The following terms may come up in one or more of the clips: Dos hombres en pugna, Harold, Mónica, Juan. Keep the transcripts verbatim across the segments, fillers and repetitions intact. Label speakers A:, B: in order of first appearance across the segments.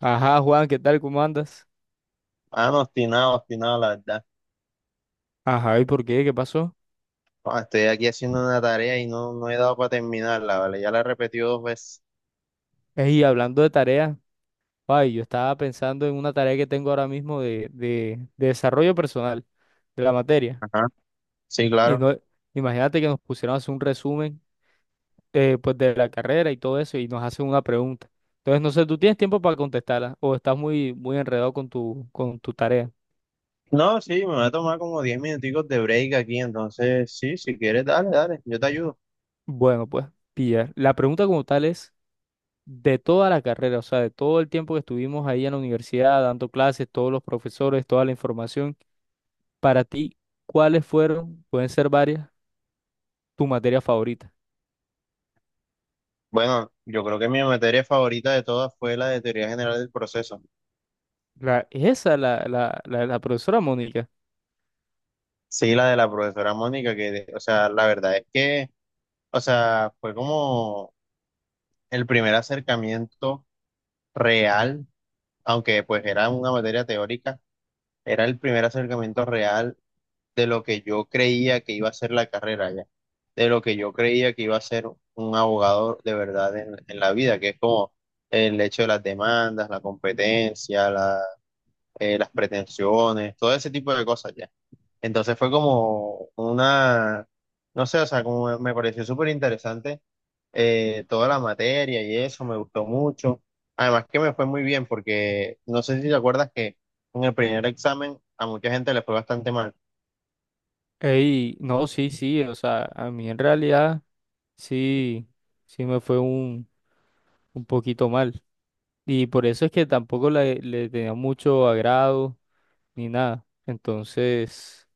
A: Ajá, Juan, ¿qué tal? ¿Cómo andas?
B: Ah, no, obstinado, obstinado, la verdad.
A: Ajá, ¿y por qué? ¿Qué pasó?
B: Ah, estoy aquí haciendo una tarea y no, no he dado para terminarla, ¿vale? Ya la he repetido dos veces.
A: Y hablando de tareas, ay, yo estaba pensando en una tarea que tengo ahora mismo de, de, de desarrollo personal de la materia.
B: Ajá, sí,
A: Y
B: claro.
A: no, imagínate que nos pusieron a hacer un resumen eh, pues de la carrera y todo eso y nos hacen una pregunta. Entonces, no sé, ¿tú tienes tiempo para contestarla o estás muy, muy enredado con tu, con tu tarea?
B: No, sí, me va a tomar como diez minuticos de break aquí, entonces, sí, si quieres, dale, dale, yo te ayudo.
A: Bueno, pues, pilla. La pregunta como tal es de toda la carrera, o sea, de todo el tiempo que estuvimos ahí en la universidad dando clases, todos los profesores, toda la información, para ti, ¿cuáles fueron, pueden ser varias, tu materia favorita?
B: Bueno, yo creo que mi materia favorita de todas fue la de teoría general del proceso.
A: La, esa, la, la, la, la profesora Mónica.
B: Sí, la de la profesora Mónica, que, o sea, la verdad es que, o sea, fue como el primer acercamiento real, aunque pues era una materia teórica, era el primer acercamiento real de lo que yo creía que iba a ser la carrera ya, de lo que yo creía que iba a ser un abogado de verdad en, en la vida, que es como el hecho de las demandas, la competencia, la- eh, las pretensiones, todo ese tipo de cosas ya. Entonces fue como una, no sé, o sea, como me pareció súper interesante eh, toda la materia y eso, me gustó mucho. Además que me fue muy bien porque no sé si te acuerdas que en el primer examen a mucha gente le fue bastante mal.
A: Ey, no, sí, sí, o sea, a mí en realidad sí, sí me fue un, un poquito mal. Y por eso es que tampoco le, le tenía mucho agrado ni nada. Entonces,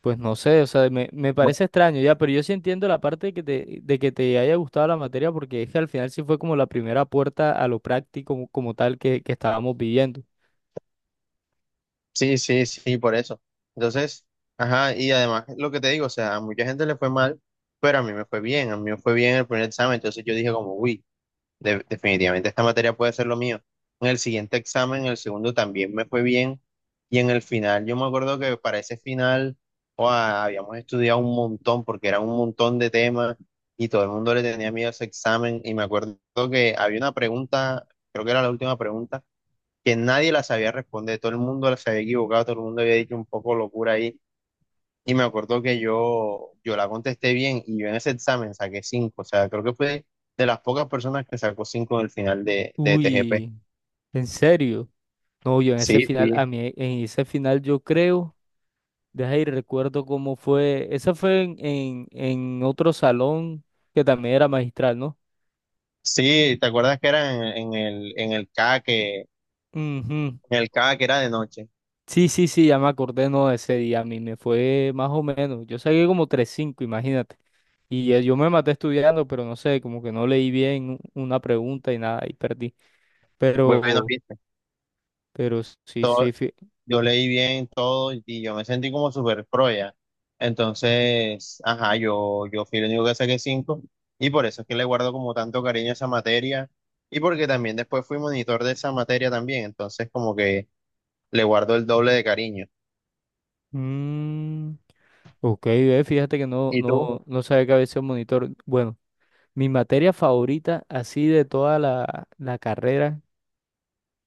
A: pues no sé, o sea, me, me parece extraño ya, pero yo sí entiendo la parte de que te, de que te haya gustado la materia porque es que al final sí fue como la primera puerta a lo práctico como, como tal que, que estábamos viviendo.
B: Sí, sí, sí, por eso. Entonces, ajá, y además lo que te digo, o sea, a mucha gente le fue mal, pero a mí me fue bien, a mí me fue bien el primer examen, entonces yo dije como, uy, de- definitivamente esta materia puede ser lo mío. En el siguiente examen, en el segundo también me fue bien, y en el final, yo me acuerdo que para ese final, ¡guau! Habíamos estudiado un montón, porque era un montón de temas, y todo el mundo le tenía miedo a ese examen, y me acuerdo que había una pregunta, creo que era la última pregunta que nadie la sabía responder, todo el mundo la se había equivocado, todo el mundo había dicho un poco locura ahí, y me acuerdo que yo, yo la contesté bien, y yo en ese examen saqué cinco, o sea, creo que fue de las pocas personas que sacó cinco en el final de, de T G P.
A: Uy, en serio. No, yo en ese
B: Sí,
A: final,
B: sí.
A: a mí en ese final yo creo, deja ahí recuerdo cómo fue, esa fue en, en, en otro salón que también era magistral, ¿no?
B: Sí, ¿te acuerdas que era en, en el, en el K que, en
A: Ujú.
B: el K que era de noche?
A: Sí, sí, sí, ya me acordé, no, de ese día a mí me fue más o menos. Yo saqué como tres cinco, imagínate. Y eh, yo me maté estudiando, pero no sé, como que no leí bien u- una pregunta y nada, y perdí.
B: Bueno,
A: Pero,
B: viste,
A: pero sí,
B: todo,
A: sí. fí-
B: yo leí bien todo y yo me sentí como súper pro ya. Entonces, ajá, yo, yo fui el único que saqué cinco y por eso es que le guardo como tanto cariño a esa materia y porque también después fui monitor de esa materia también, entonces como que le guardo el doble de cariño.
A: Mm, ok, ve, fíjate que no,
B: ¿Y tú?
A: no, no sabía que había sido monitor. Bueno, mi materia favorita así de toda la, la carrera,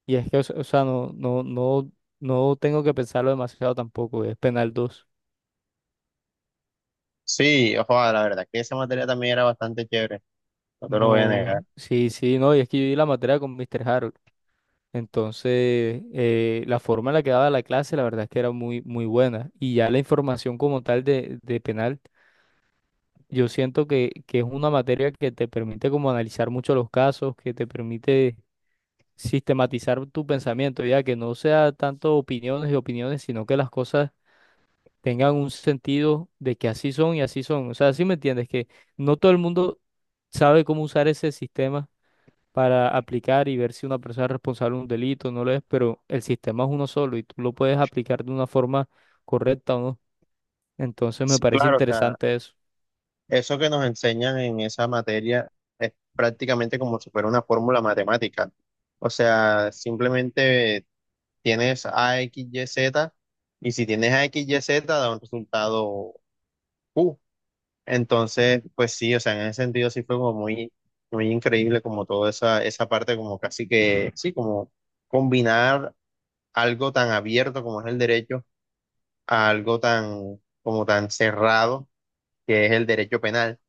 A: y es que, o, se- o sea, no, no, no, no tengo que pensarlo demasiado tampoco, es penal dos.
B: Sí, ojo, la verdad que esa materia también era bastante chévere, no te lo voy a
A: No,
B: negar.
A: sí, sí, no, y es que yo di la materia con mister Harold. Entonces, eh, la forma en la que daba la clase, la verdad es que era muy, muy buena. Y ya la información como tal de, de penal, yo siento que, que es una materia que te permite como analizar mucho los casos, que te permite sistematizar tu pensamiento, ya que no sea tanto opiniones y opiniones, sino que las cosas tengan un sentido de que así son y así son. O sea, sí me entiendes, que no todo el mundo sabe cómo usar ese sistema para aplicar y ver si una persona es responsable de un delito o no lo es, pero el sistema es uno solo y tú lo puedes aplicar de una forma correcta o no. Entonces me
B: Sí,
A: parece
B: claro, o sea,
A: interesante eso.
B: eso que nos enseñan en esa materia es prácticamente como si fuera una fórmula matemática. O sea, simplemente tienes A, X, Y, Z, y si tienes A, X, Y, Z, da un resultado Q. Entonces, pues sí, o sea, en ese sentido sí fue como muy, muy increíble como toda esa, esa parte, como casi que, sí, como combinar algo tan abierto como es el derecho a algo tan, como tan cerrado que es el derecho penal.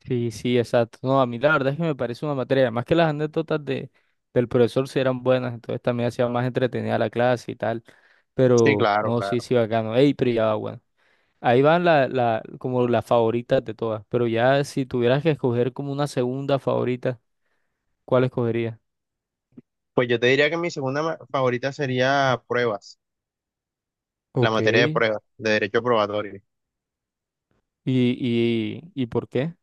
A: Sí, sí, exacto. No, a mí la verdad es que me parece una materia, más que las anécdotas de, del profesor sí eran buenas, entonces también hacía más entretenida la clase y tal,
B: Sí,
A: pero
B: claro,
A: no, sí,
B: claro.
A: sí, bacano. Ey, pero ya va, bueno. Ahí van la, la, como las favoritas de todas, pero ya si tuvieras que escoger como una segunda favorita, ¿cuál escogerías?
B: Pues yo te diría que mi segunda ma- favorita sería pruebas, la
A: Ok.
B: materia de pruebas, de derecho probatorio.
A: ¿Y, y, y por qué?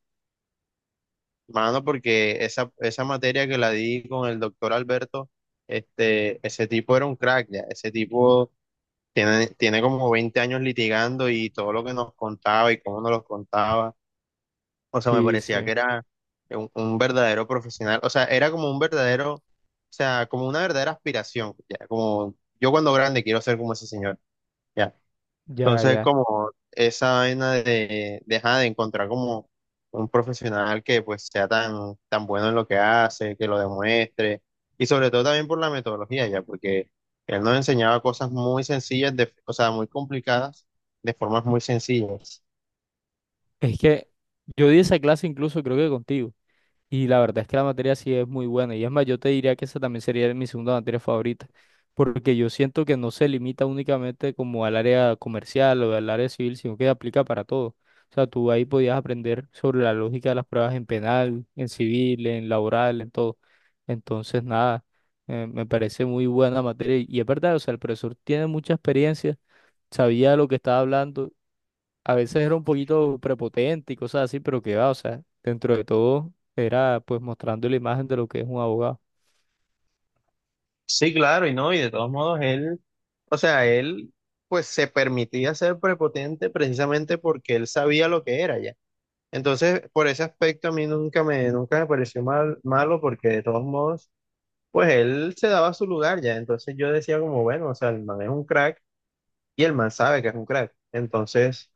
B: Mano, porque esa, esa materia que la di con el doctor Alberto, este, ese tipo era un crack, ya. Ese tipo tiene, tiene como veinte años litigando y todo lo que nos contaba y cómo nos lo contaba. O sea, me
A: Sí,
B: parecía que
A: sí,
B: era un, un verdadero profesional. O sea, era como un verdadero, o sea, como una verdadera aspiración, ya. Como yo cuando grande quiero ser como ese señor, ya.
A: ya,
B: Entonces,
A: ya.
B: como esa vaina de dejar de encontrar como un profesional que pues sea tan, tan bueno en lo que hace, que lo demuestre, y sobre todo también por la metodología ya, porque él nos enseñaba cosas muy sencillas, de, o sea, muy complicadas, de formas muy sencillas.
A: Es que yo di esa clase incluso creo que contigo. Y la verdad es que la materia sí es muy buena. Y es más, yo te diría que esa también sería mi segunda materia favorita. Porque yo siento que no se limita únicamente como al área comercial o al área civil, sino que aplica para todo. O sea, tú ahí podías aprender sobre la lógica de las pruebas en penal, en civil, en laboral, en todo. Entonces, nada, eh, me parece muy buena materia. Y es verdad, o sea, el profesor tiene mucha experiencia, sabía lo que estaba hablando. A veces era un poquito prepotente y cosas así, pero que va, o sea, dentro de todo era pues mostrando la imagen de lo que es un abogado.
B: Sí, claro, y no, y de todos modos él, o sea, él pues se permitía ser prepotente precisamente porque él sabía lo que era ya. Entonces, por ese aspecto a mí nunca me, nunca me pareció mal, malo porque de todos modos, pues él se daba su lugar ya. Entonces yo decía como, bueno, o sea, el man es un crack y el man sabe que es un crack. Entonces,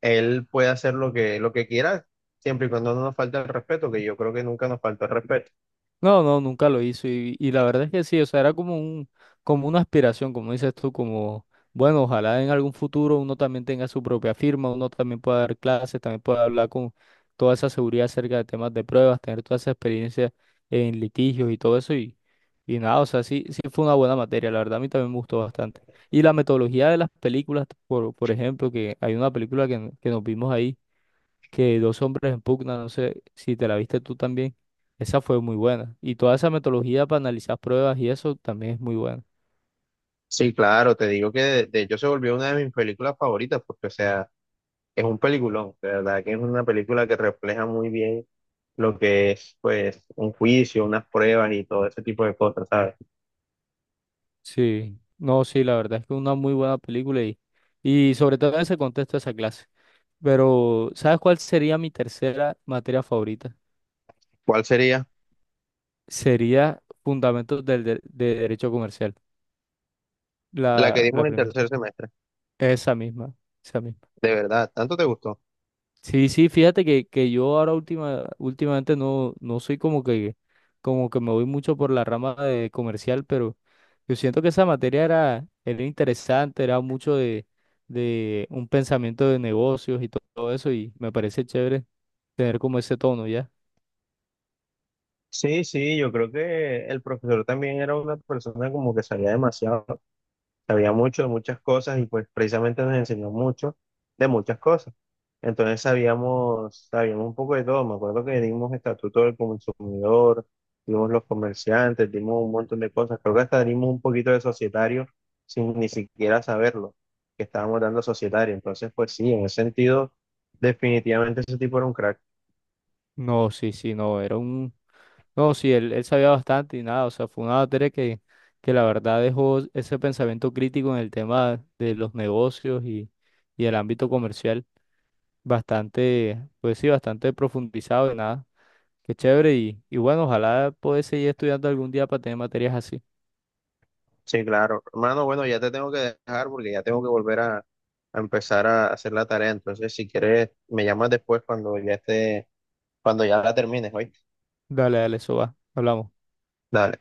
B: él puede hacer lo que, lo que quiera, siempre y cuando no nos falte el respeto, que yo creo que nunca nos faltó el respeto.
A: No, no, nunca lo hizo y, y la verdad es que sí, o sea, era como un, como una aspiración, como dices tú, como, bueno, ojalá en algún futuro uno también tenga su propia firma, uno también pueda dar clases, también pueda hablar con toda esa seguridad acerca de temas de pruebas, tener toda esa experiencia en litigios y todo eso y, y nada, o sea, sí, sí fue una buena materia, la verdad a mí también me gustó bastante. Y la metodología de las películas, por, por ejemplo, que hay una película que, que nos vimos ahí que dos hombres en pugna, no sé si te la viste tú también, esa fue muy buena. Y toda esa metodología para analizar pruebas y eso también es muy buena.
B: Sí, claro, te digo que de, de hecho se volvió una de mis películas favoritas porque, o sea, es un peliculón, de verdad que es una película que refleja muy bien lo que es, pues, un juicio, unas pruebas y todo ese tipo de cosas, ¿sabes?
A: Sí, no, sí, la verdad es que es una muy buena película y, y sobre todo en ese contexto de esa clase. Pero, ¿sabes cuál sería mi tercera materia favorita?
B: ¿Cuál sería?
A: Sería Fundamentos del, de, de Derecho Comercial,
B: La
A: la,
B: que
A: la
B: dimos en
A: primera,
B: tercer semestre.
A: esa misma, esa misma.
B: De verdad, ¿tanto te gustó?
A: Sí, sí, fíjate que, que yo ahora última, últimamente no, no soy como que, como que me voy mucho por la rama de comercial, pero yo siento que esa materia era, era interesante, era mucho de, de un pensamiento de negocios y to- todo eso, y me parece chévere tener como ese tono, ¿ya?
B: Sí, sí, yo creo que el profesor también era una persona como que sabía demasiado. Sabía mucho de muchas cosas y pues precisamente nos enseñó mucho de muchas cosas. Entonces sabíamos, sabíamos un poco de todo. Me acuerdo que dimos estatuto del consumidor, dimos los comerciantes, dimos un montón de cosas. Creo que hasta dimos un poquito de societario sin ni siquiera saberlo, que estábamos dando societario. Entonces, pues sí, en ese sentido, definitivamente ese tipo era un crack.
A: No, sí, sí, no, era un. No, sí, él, él sabía bastante y nada, o sea, fue una materia que, que la verdad dejó ese pensamiento crítico en el tema de los negocios y, y el ámbito comercial. Bastante, pues sí, bastante profundizado y nada. Qué chévere y, y bueno, ojalá pueda seguir estudiando algún día para tener materias así.
B: Sí, claro. Hermano, bueno, ya te tengo que dejar porque ya tengo que volver a, a empezar a hacer la tarea. Entonces, si quieres, me llamas después cuando ya estés. Cuando ya la termines, ¿oíste?
A: Dale, dale, eso va. Hablamos.
B: Dale.